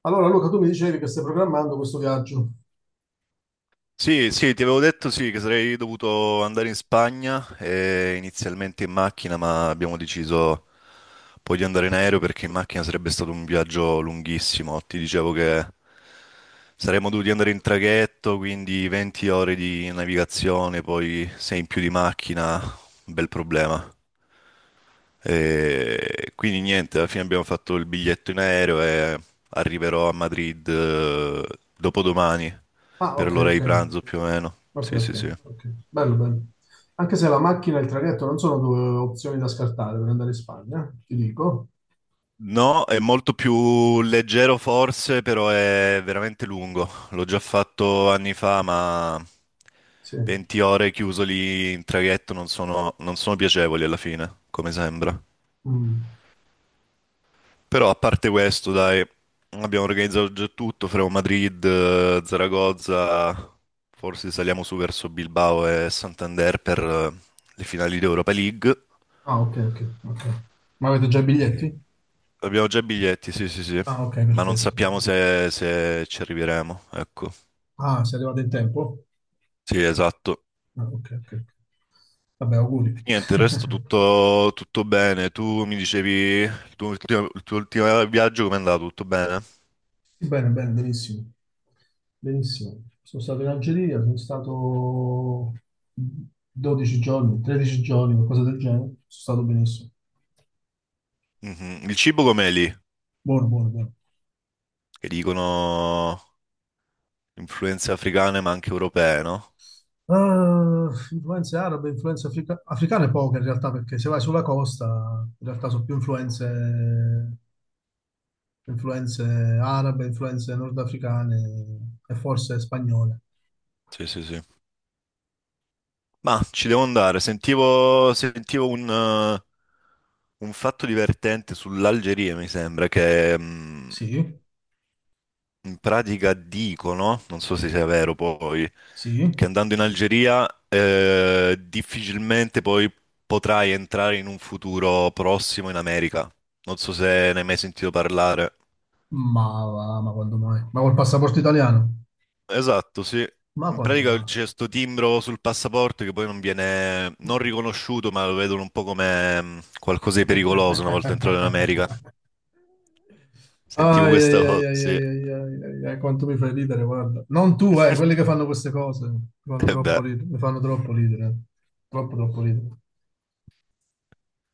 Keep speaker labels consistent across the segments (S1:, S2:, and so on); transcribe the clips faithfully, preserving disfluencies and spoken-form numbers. S1: Allora, Luca, tu mi dicevi che stai programmando questo viaggio.
S2: Sì, sì, ti avevo detto sì, che sarei dovuto andare in Spagna eh, inizialmente in macchina, ma abbiamo deciso poi di andare in aereo perché in macchina sarebbe stato un viaggio lunghissimo. Ti dicevo che saremmo dovuti andare in traghetto, quindi venti ore di navigazione, poi sei in più di macchina, un bel problema. E quindi niente, alla fine abbiamo fatto il biglietto in aereo e arriverò a Madrid eh, dopodomani
S1: Ah,
S2: per
S1: ok,
S2: l'ora
S1: ok,
S2: di pranzo più o meno.
S1: ok,
S2: Sì,
S1: ok,
S2: sì, sì.
S1: ok. Bello, bello. Anche se la macchina e il traghetto non sono due opzioni da scartare per andare in Spagna, eh, ti dico.
S2: No, è molto più leggero forse, però è veramente lungo. L'ho già fatto anni fa, ma
S1: Sì.
S2: venti ore chiuso lì in traghetto non sono, non sono piacevoli alla fine, come sembra.
S1: Mm.
S2: Però a parte questo, dai, abbiamo organizzato già tutto, faremo Madrid, eh, Zaragoza, forse saliamo su verso Bilbao e Santander per eh, le finali di Europa League.
S1: Ah, ok, ok, ok. Ma avete già i
S2: Eh,
S1: biglietti?
S2: Abbiamo già i biglietti, sì, sì, sì,
S1: Ah, ok,
S2: ma non
S1: perfetto,
S2: sappiamo
S1: perfetto.
S2: se, se ci arriveremo, ecco.
S1: Ah, sei arrivato in tempo?
S2: Sì, esatto.
S1: Ah, ok, ok. ok. Vabbè, auguri.
S2: Niente, il resto tutto, tutto bene. Tu mi dicevi il tuo ultimo, il tuo ultimo viaggio com'è andato? Tutto bene?
S1: Sì, Bene, bene, benissimo. Benissimo. Sono stato in Algeria, sono stato dodici giorni, tredici giorni, qualcosa del genere. Sono stato benissimo.
S2: Mhm. Il cibo com'è lì?
S1: Buono, buono, buono.
S2: Che dicono... influenze africane ma anche europee, no?
S1: Ah, influenze arabe, influenze africa- africane poche in realtà, perché se vai sulla costa, in realtà sono più influenze, influenze arabe, influenze nordafricane e forse spagnole.
S2: Sì, sì, sì. Ma ci devo andare. Sentivo, sentivo un, eh, un fatto divertente sull'Algeria, mi sembra, che mh,
S1: Sì,
S2: in pratica dicono, non so se sia vero poi, che
S1: sì,
S2: andando in Algeria eh, difficilmente poi potrai entrare in un futuro prossimo in America. Non so se ne hai mai sentito parlare.
S1: ma, va, ma quando mai? Ma col passaporto italiano?
S2: Esatto, sì.
S1: Ma
S2: In
S1: quando
S2: pratica
S1: mai?
S2: c'è sto timbro sul passaporto che poi non viene non riconosciuto, ma lo vedono un po' come mh, qualcosa di pericoloso una volta entrato in America. Sentivo
S1: Ai, ai,
S2: questa
S1: ai,
S2: cosa,
S1: ai,
S2: sì.
S1: ai, ai, ai, ai, ai, quanto mi fai ridere, guarda. Non tu, eh, quelli che fanno queste cose mi fanno
S2: E
S1: troppo
S2: beh,
S1: ridere, mi fanno troppo ridere, eh. troppo, troppo ridere.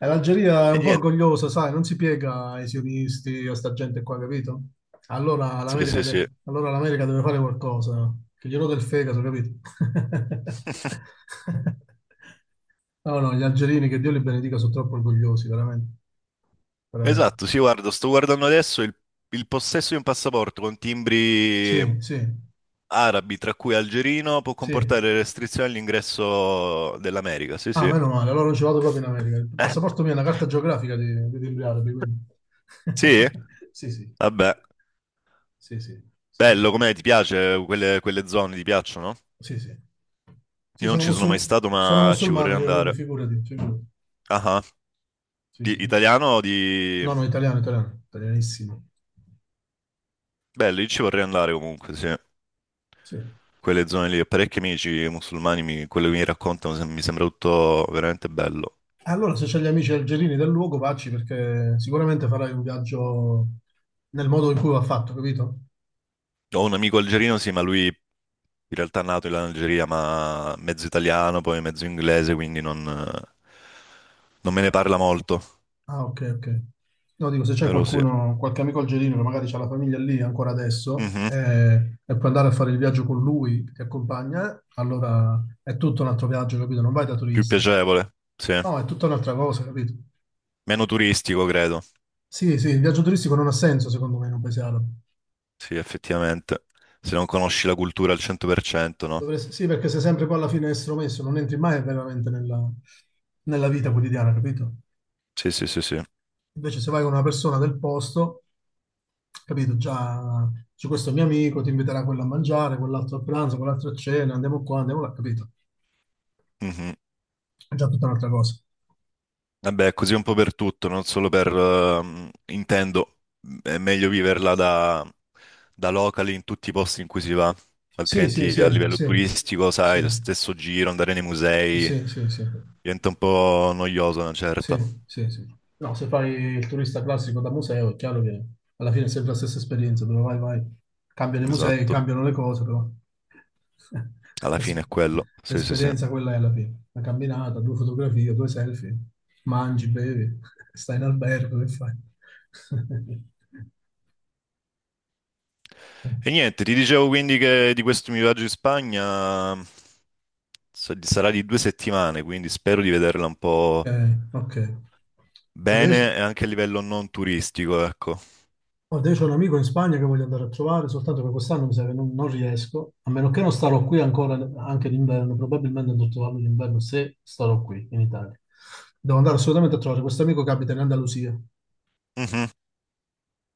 S1: E l'Algeria è
S2: e
S1: un po'
S2: niente.
S1: orgogliosa, sai, non si piega ai sionisti, a sta gente qua, capito? Allora
S2: Sì,
S1: l'America
S2: sì, sì.
S1: de- allora l'America deve fare qualcosa, che gli rode il fegato, capito? No, no, gli algerini, che Dio li benedica, sono troppo orgogliosi, veramente, veramente.
S2: Esatto, sì, guarda, sto guardando adesso il, il possesso di un passaporto con timbri
S1: Sì, sì,
S2: arabi, tra cui algerino, può
S1: sì.
S2: comportare restrizioni all'ingresso dell'America. Sì,
S1: Ah,
S2: sì.
S1: meno male, allora non ci vado proprio in America. Il passaporto mio è una carta geografica di, di timbri arabi, quindi.
S2: Sì?
S1: Sì, sì,
S2: Vabbè.
S1: sì, sì, sì, sì,
S2: Bello, com'è? Ti piace? Quelle, quelle zone ti piacciono?
S1: sì, sì. Sì,
S2: Io non
S1: sono
S2: ci sono mai
S1: musul-
S2: stato,
S1: sono
S2: ma ci vorrei
S1: musulmano io, quindi
S2: andare.
S1: figurati, figurati.
S2: Ah, ah.
S1: Sì,
S2: Di,
S1: sì.
S2: italiano o di...
S1: No, no, italiano, italiano, italianissimo.
S2: Bello, io ci vorrei andare comunque, sì.
S1: Sì.
S2: Quelle zone lì, ho parecchi amici musulmani, mi- quello che mi raccontano sem- mi sembra tutto veramente bello.
S1: Allora, se c'hai gli amici algerini del luogo, vacci perché sicuramente farai un viaggio nel modo in cui va fatto, capito?
S2: Ho un amico algerino, sì, ma lui in realtà è nato in Algeria, ma mezzo italiano, poi mezzo inglese, quindi non, non me ne parla molto,
S1: Ah, ok, ok. No, dico, se c'è
S2: però sì.
S1: qualcuno, qualche amico algerino che magari ha la famiglia lì ancora adesso
S2: Mhm.
S1: eh, e puoi andare a fare il viaggio con lui che ti accompagna, allora è tutto un altro viaggio, capito? Non vai da
S2: Più
S1: turista.
S2: piacevole, sì.
S1: No, è tutta un'altra cosa, capito?
S2: Meno turistico, credo.
S1: Sì, sì, il viaggio turistico non ha senso secondo me in un paese arabo.
S2: Sì, effettivamente. Se non conosci la cultura al cento per cento, no?
S1: Dovresti- sì, perché sei sempre poi alla fine estromesso, non entri mai veramente nella, nella vita quotidiana, capito?
S2: Sì, sì, sì, sì.
S1: Invece se vai con una persona del posto, capito? Già c'è questo mio amico, ti inviterà quello a mangiare, quell'altro a pranzo, quell'altro a cena, andiamo qua, andiamo là, capito?
S2: Mhm.
S1: È già tutta un'altra cosa.
S2: Vabbè, è così un po' per tutto, non solo per... ehm, intendo, è meglio viverla da, da locali in tutti i posti in cui si va,
S1: Sì, sì,
S2: altrimenti a
S1: sì,
S2: livello
S1: sì,
S2: turistico,
S1: sì,
S2: sai, lo stesso giro, andare nei musei,
S1: sì, sì, sì.
S2: diventa un po' noioso una
S1: Sì,
S2: certa.
S1: sì, sì. No, se fai il turista classico da museo, è chiaro che alla fine è sempre la stessa esperienza, dove vai, vai, cambiano i musei,
S2: Esatto,
S1: cambiano le cose, però
S2: alla fine
S1: l'es-
S2: è quello. Sì, sì, sì.
S1: l'esperienza quella è alla fine. Una camminata, due fotografie, due selfie, mangi, bevi, stai in albergo, che fai?
S2: E niente, ti dicevo quindi che di questo mio viaggio in Spagna... sa- sarà di due settimane, quindi spero di vederla un po'
S1: Ok, ok. Adesso?
S2: bene e anche a livello non turistico, ecco.
S1: Guarda, io ho un amico in Spagna che voglio andare a trovare, soltanto che quest'anno mi sa che non, non riesco, a meno che non starò qui ancora anche d'inverno, probabilmente andrò a trovarlo d'inverno se starò qui in Italia. Devo andare assolutamente a trovare questo amico che abita in Andalusia.
S2: Mhm.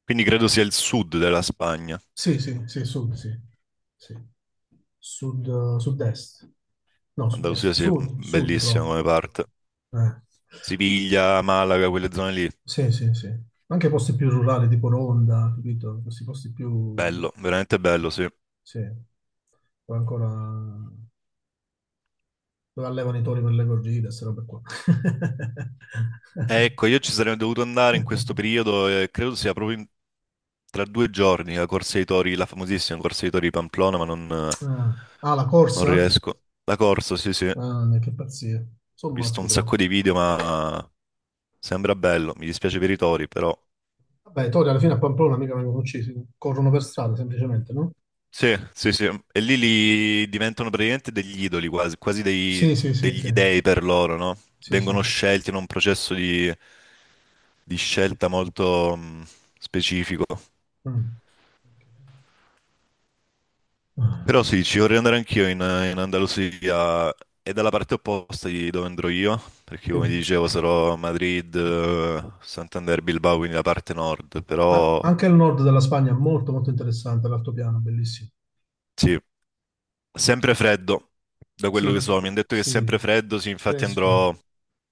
S2: Quindi credo sia il sud della Spagna.
S1: Sì, sì, sì, sud, sì. Sì. Sud, eh, sud-est. No, sud-est,
S2: Andalusia sia
S1: sud, sud
S2: bellissima
S1: proprio.
S2: come parte.
S1: Eh.
S2: Siviglia, Malaga, quelle zone lì.
S1: Sì, sì, sì. Anche posti più rurali, tipo Ronda, capito? Questi posti più.
S2: Bello, veramente bello, sì.
S1: Sì. Poi ancora, dove allevano i tori per le corride, queste robe qua.
S2: Ecco, io ci sarei dovuto andare in questo periodo e credo sia proprio in- tra due giorni la Corsa dei Tori, la famosissima Corsa dei Tori di Pamplona, ma non, eh,
S1: Ah, ah, la
S2: non
S1: corsa?
S2: riesco. La corsa, sì, sì. Ho
S1: Ah, che pazzia. Sono
S2: visto
S1: matti
S2: un
S1: però.
S2: sacco di video, ma sembra bello, mi dispiace per i tori, però.
S1: Vabbè, i tori alla fine a Pamplona mica vengono uccisi, corrono per strada semplicemente, no?
S2: Sì, sì, sì. E lì li diventano praticamente degli idoli, quasi, quasi dei-
S1: Sì, sì, sì, sì.
S2: degli dei per loro, no?
S1: Sì, sì.
S2: Vengono scelti in un processo di, di scelta molto mh, specifico.
S1: Mm. Ok. Ah,
S2: Però sì, ci vorrei andare anch'io in, in Andalusia e dalla parte opposta di dove andrò io, perché
S1: sì.
S2: come dicevo sarò a Madrid, eh, Santander, Bilbao, quindi la parte nord,
S1: A-
S2: però
S1: anche il nord della Spagna è molto molto interessante, l'altopiano, bellissimo.
S2: sì, sempre freddo, da quello
S1: Sì,
S2: che so, mi hanno detto che è
S1: sì,
S2: sempre freddo, sì, infatti
S1: fresco,
S2: andrò,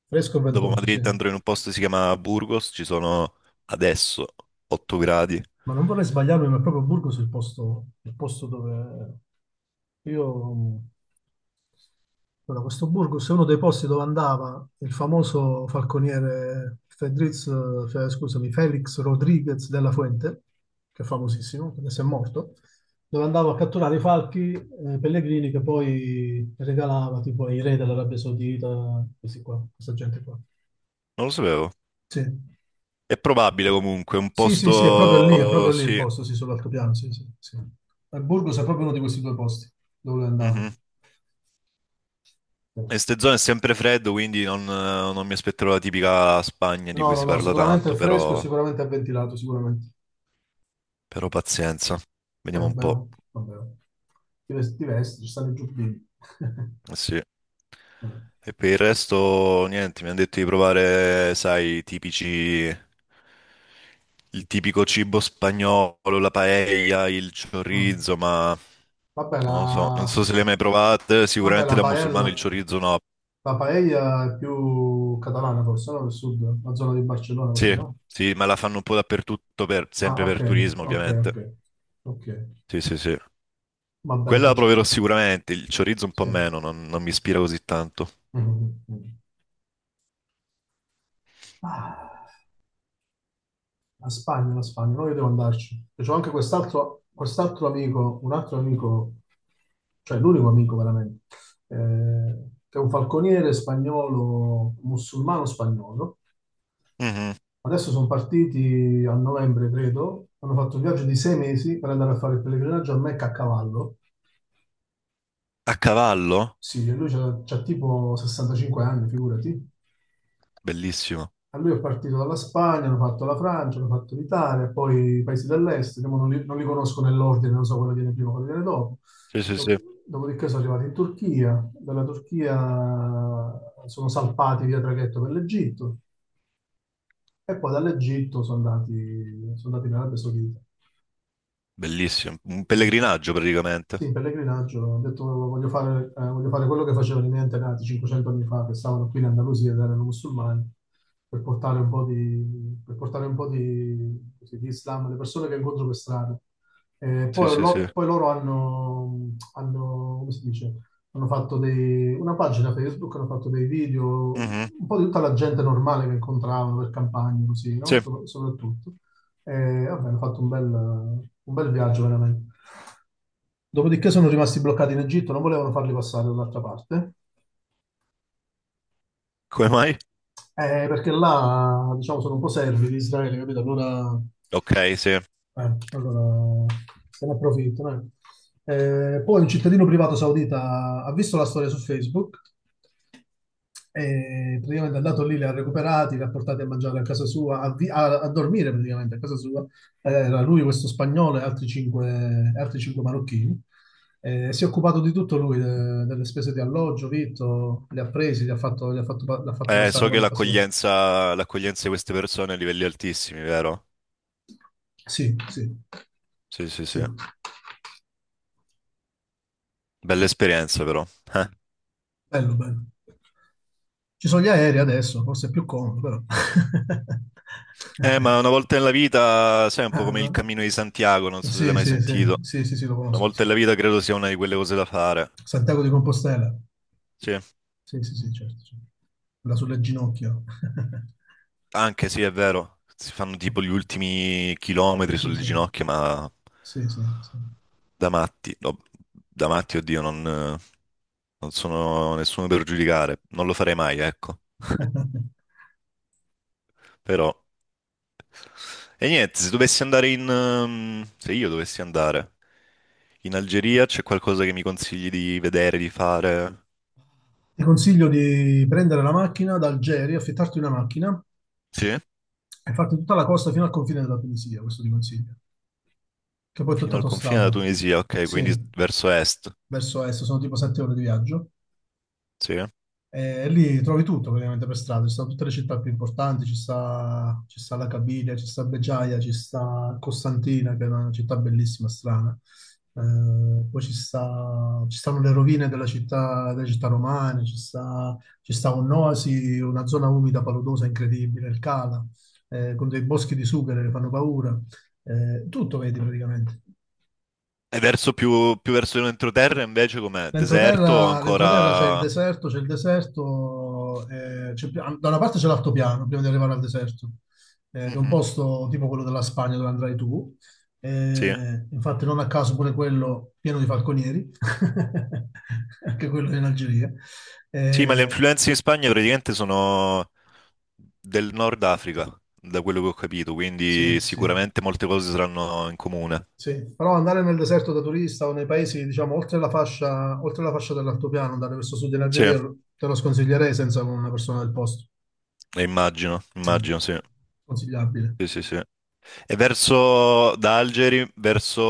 S1: fresco e
S2: dopo
S1: ventoso, sì.
S2: Madrid andrò in un posto che si chiama Burgos, ci sono adesso otto gradi,
S1: Ma non vorrei sbagliarmi, ma è proprio Burgos il posto, il posto dove io. Allora, questo Burgos è uno dei posti dove andava il famoso falconiere Fedriz, eh, scusami, Felix Rodriguez della Fuente, che è famosissimo, adesso è morto, dove andava a catturare i falchi eh, pellegrini che poi regalava tipo ai re dell'Arabia Saudita, questi qua, questa gente qua.
S2: non lo sapevo.
S1: Sì.
S2: È probabile comunque, un
S1: Sì, sì, sì, è proprio lì, è
S2: posto,
S1: proprio lì il
S2: sì,
S1: posto, sì, sull'altopiano, sì, sì, sì. E Burgos è proprio uno di questi due posti dove andavo.
S2: mhm. E ste zone è sempre freddo, quindi non, non mi aspetterò la tipica Spagna di
S1: No,
S2: cui
S1: no,
S2: si
S1: no,
S2: parla
S1: sicuramente è
S2: tanto,
S1: fresco,
S2: però,
S1: sicuramente è ventilato, sicuramente.
S2: però pazienza,
S1: Eh,
S2: vediamo un
S1: vabbè,
S2: po'.
S1: oh, vabbè. oh. Ti vesti, ti vesti, ci stanno i giubbini.
S2: Sì.
S1: Eh,
S2: E per il resto, niente, mi hanno detto di provare, sai, i tipici, il tipico cibo spagnolo, la paella, il
S1: eh.
S2: chorizo, ma
S1: Vabbè,
S2: non lo so, non
S1: la,
S2: so se le hai mai provate,
S1: vabbè,
S2: sicuramente
S1: la
S2: da musulmano il
S1: paella,
S2: chorizo no.
S1: la paella è più catalana forse, no? Del sud, la zona di Barcellona così,
S2: Sì,
S1: no?
S2: sì, ma la fanno un po' dappertutto, per-
S1: Ah,
S2: sempre
S1: ok,
S2: per turismo,
S1: ok, ok,
S2: ovviamente.
S1: ok.
S2: Sì, sì, sì.
S1: Vabbè, lo
S2: Quella la
S1: faccio.
S2: proverò sicuramente, il chorizo un po'
S1: Sì. Mm,
S2: meno, non, non mi ispira così tanto.
S1: mm, mm. Ah. La Spagna, la Spagna, no, io devo andarci. E C'ho anche quest'altro quest'altro amico, un altro amico, cioè l'unico amico veramente, eh, che è un falconiere spagnolo, musulmano spagnolo.
S2: Mhm.
S1: Adesso sono partiti a novembre, credo, hanno fatto un viaggio di sei mesi per andare a fare il pellegrinaggio a Mecca a cavallo.
S2: A cavallo?
S1: Sì, e lui c'ha c'ha tipo sessantacinque anni, figurati.
S2: Bellissimo.
S1: A lui è partito dalla Spagna, hanno fatto la Francia, hanno fatto l'Italia, poi i paesi dell'est, che mo non li, non li conosco nell'ordine, non so quello viene prima, quello viene dopo.
S2: Sì, sì,
S1: Do-
S2: sì.
S1: Dopodiché sono arrivati in Turchia, dalla Turchia sono salpati via traghetto per l'Egitto e poi dall'Egitto sono andati, sono andati in Arabia Saudita.
S2: Bellissimo, un
S1: Mm.
S2: pellegrinaggio praticamente.
S1: Sì, in pellegrinaggio, ho detto voglio fare, eh, voglio fare quello che facevano i miei antenati cinquecento anni fa, che stavano qui in Andalusia ed erano musulmani, per portare un po' di, per portare un po' di, così, di Islam alle persone che incontro per strada. Eh,
S2: Sì,
S1: poi,
S2: sì, sì.
S1: lo- poi loro hanno, hanno, come si dice, hanno fatto dei- una pagina Facebook, hanno fatto dei video,
S2: Mhm,
S1: un po' di tutta la gente normale che incontravano per campagne, così, no?
S2: sì,
S1: Sopra- Soprattutto. E vabbè, hanno fatto un bel, un bel viaggio veramente. Dopodiché sono rimasti bloccati in Egitto, non volevano farli passare dall'altra parte.
S2: come mai?
S1: Eh, perché là, diciamo, sono un po' servi di Israele, capito? Allora,
S2: Ok, sì.
S1: eh, allora se ne approfittano. eh. Eh, poi un cittadino privato saudita ha visto la storia su Facebook e praticamente è andato lì, li ha recuperati, li ha portati a mangiare a casa sua, a, vi- a- a dormire praticamente a casa sua. Eh, Era lui, questo spagnolo e altri cinque, altri cinque marocchini. Eh, si è occupato di tutto lui, de- delle spese di alloggio, vitto, li ha presi, li ha fatto, li ha fatto pa- li ha fatti
S2: Eh,
S1: passare
S2: so
S1: con
S2: che
S1: il passaporto.
S2: l'accoglienza l'accoglienza di queste persone è a livelli altissimi, vero?
S1: Sì, sì,
S2: Sì, sì,
S1: sì.
S2: sì. Bella esperienza però. Eh.
S1: Bello, bello. Ci sono gli aerei adesso, forse è più comodo, però.
S2: Eh, ma una volta nella vita, sai, è un po'
S1: Ah,
S2: come il
S1: no?
S2: Cammino di Santiago, non so se l'hai
S1: Sì,
S2: mai
S1: sì, sì,
S2: sentito.
S1: sì, sì, sì, lo
S2: Una
S1: conosco.
S2: volta
S1: Sa-
S2: nella vita credo sia una di quelle cose da fare.
S1: Santiago di Compostela.
S2: Sì.
S1: Sì, sì, sì, certo. certo. Quella sulle ginocchia.
S2: Anche sì, è vero, si fanno tipo gli ultimi
S1: Sì,
S2: chilometri
S1: sì,
S2: sulle
S1: sì.
S2: ginocchia, ma
S1: Sì, sì, sì.
S2: da matti, no, da matti, oddio, non, non sono nessuno per giudicare, non lo farei mai, ecco. Però, e niente, se dovessi andare in, ehm, se io dovessi andare in Algeria, c'è qualcosa che mi consigli di vedere, di fare?
S1: Ti consiglio di prendere la macchina da Algeri, affittarti una macchina
S2: Sì?
S1: e farti tutta la costa fino al confine della Tunisia, questo ti consiglio. Che poi è tutta
S2: Fino al confine della
S1: autostrada.
S2: Tunisia, ok,
S1: Sì,
S2: quindi s- verso est,
S1: verso est, sono tipo sette ore di viaggio.
S2: sì?
S1: E lì trovi tutto praticamente per strada, ci sono tutte le città più importanti, ci sta, ci sta la Cabilia, ci sta Beggiaia, ci sta Costantina, che è una città bellissima, strana. Eh, poi ci sta- ci stanno le rovine della città, delle città romane, ci sta, ci sta un'oasi, una zona umida paludosa incredibile, il Cala, eh, con dei boschi di sughero che fanno paura. Eh, tutto vedi praticamente.
S2: E verso più, più verso l'entroterra invece com'è? Deserto o
S1: L'entroterra l'entroterra c'è il
S2: ancora...
S1: deserto, c'è il deserto, eh, c'è pi- da una parte c'è l'altopiano prima di arrivare al deserto, eh, che è un
S2: mhm.
S1: posto tipo quello della Spagna dove andrai tu,
S2: Sì. Eh?
S1: eh, infatti non a caso pure quello pieno di falconieri, anche quello in Algeria.
S2: Sì, ma le
S1: Eh,
S2: influenze in Spagna praticamente sono del Nord Africa, da quello che ho capito, quindi
S1: sì, sì,
S2: sicuramente molte cose saranno in comune.
S1: sì, però andare nel deserto da turista o nei paesi, diciamo, oltre la fascia, oltre la fascia dell'altopiano, andare verso sud in
S2: Sì, eh,
S1: Algeria, te lo sconsiglierei senza una persona del posto.
S2: immagino,
S1: Mm.
S2: immagino, sì.
S1: Consigliabile.
S2: Sì, sì, sì. E verso da Algeri, verso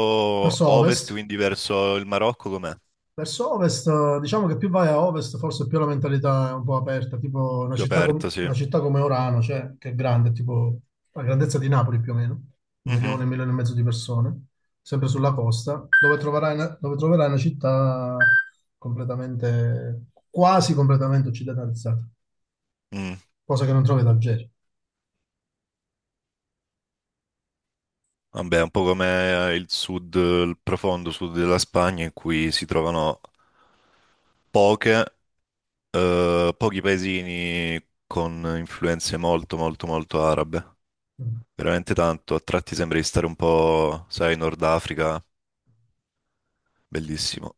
S1: Verso
S2: ovest,
S1: ovest.
S2: quindi verso il Marocco, com'è?
S1: Verso ovest, eh, diciamo che più vai a ovest, forse più la mentalità è un po' aperta, tipo una
S2: Più
S1: città, com-
S2: aperto, sì.
S1: una città come Orano, cioè, che è grande, tipo la grandezza di Napoli più o meno, un
S2: Mhm,
S1: milione, un milione e mezzo di persone, sempre sulla costa, dove troverai una, dove troverai una città completamente, quasi completamente occidentalizzata,
S2: mm.
S1: cosa che non trovi ad Algeri.
S2: Vabbè, un po' come eh, il sud, il profondo sud della Spagna, in cui si trovano poche. Eh, pochi paesini con influenze molto, molto, molto arabe.
S1: Mm.
S2: Veramente tanto. A tratti sembra di stare un po', sai, Nord Africa. Bellissimo.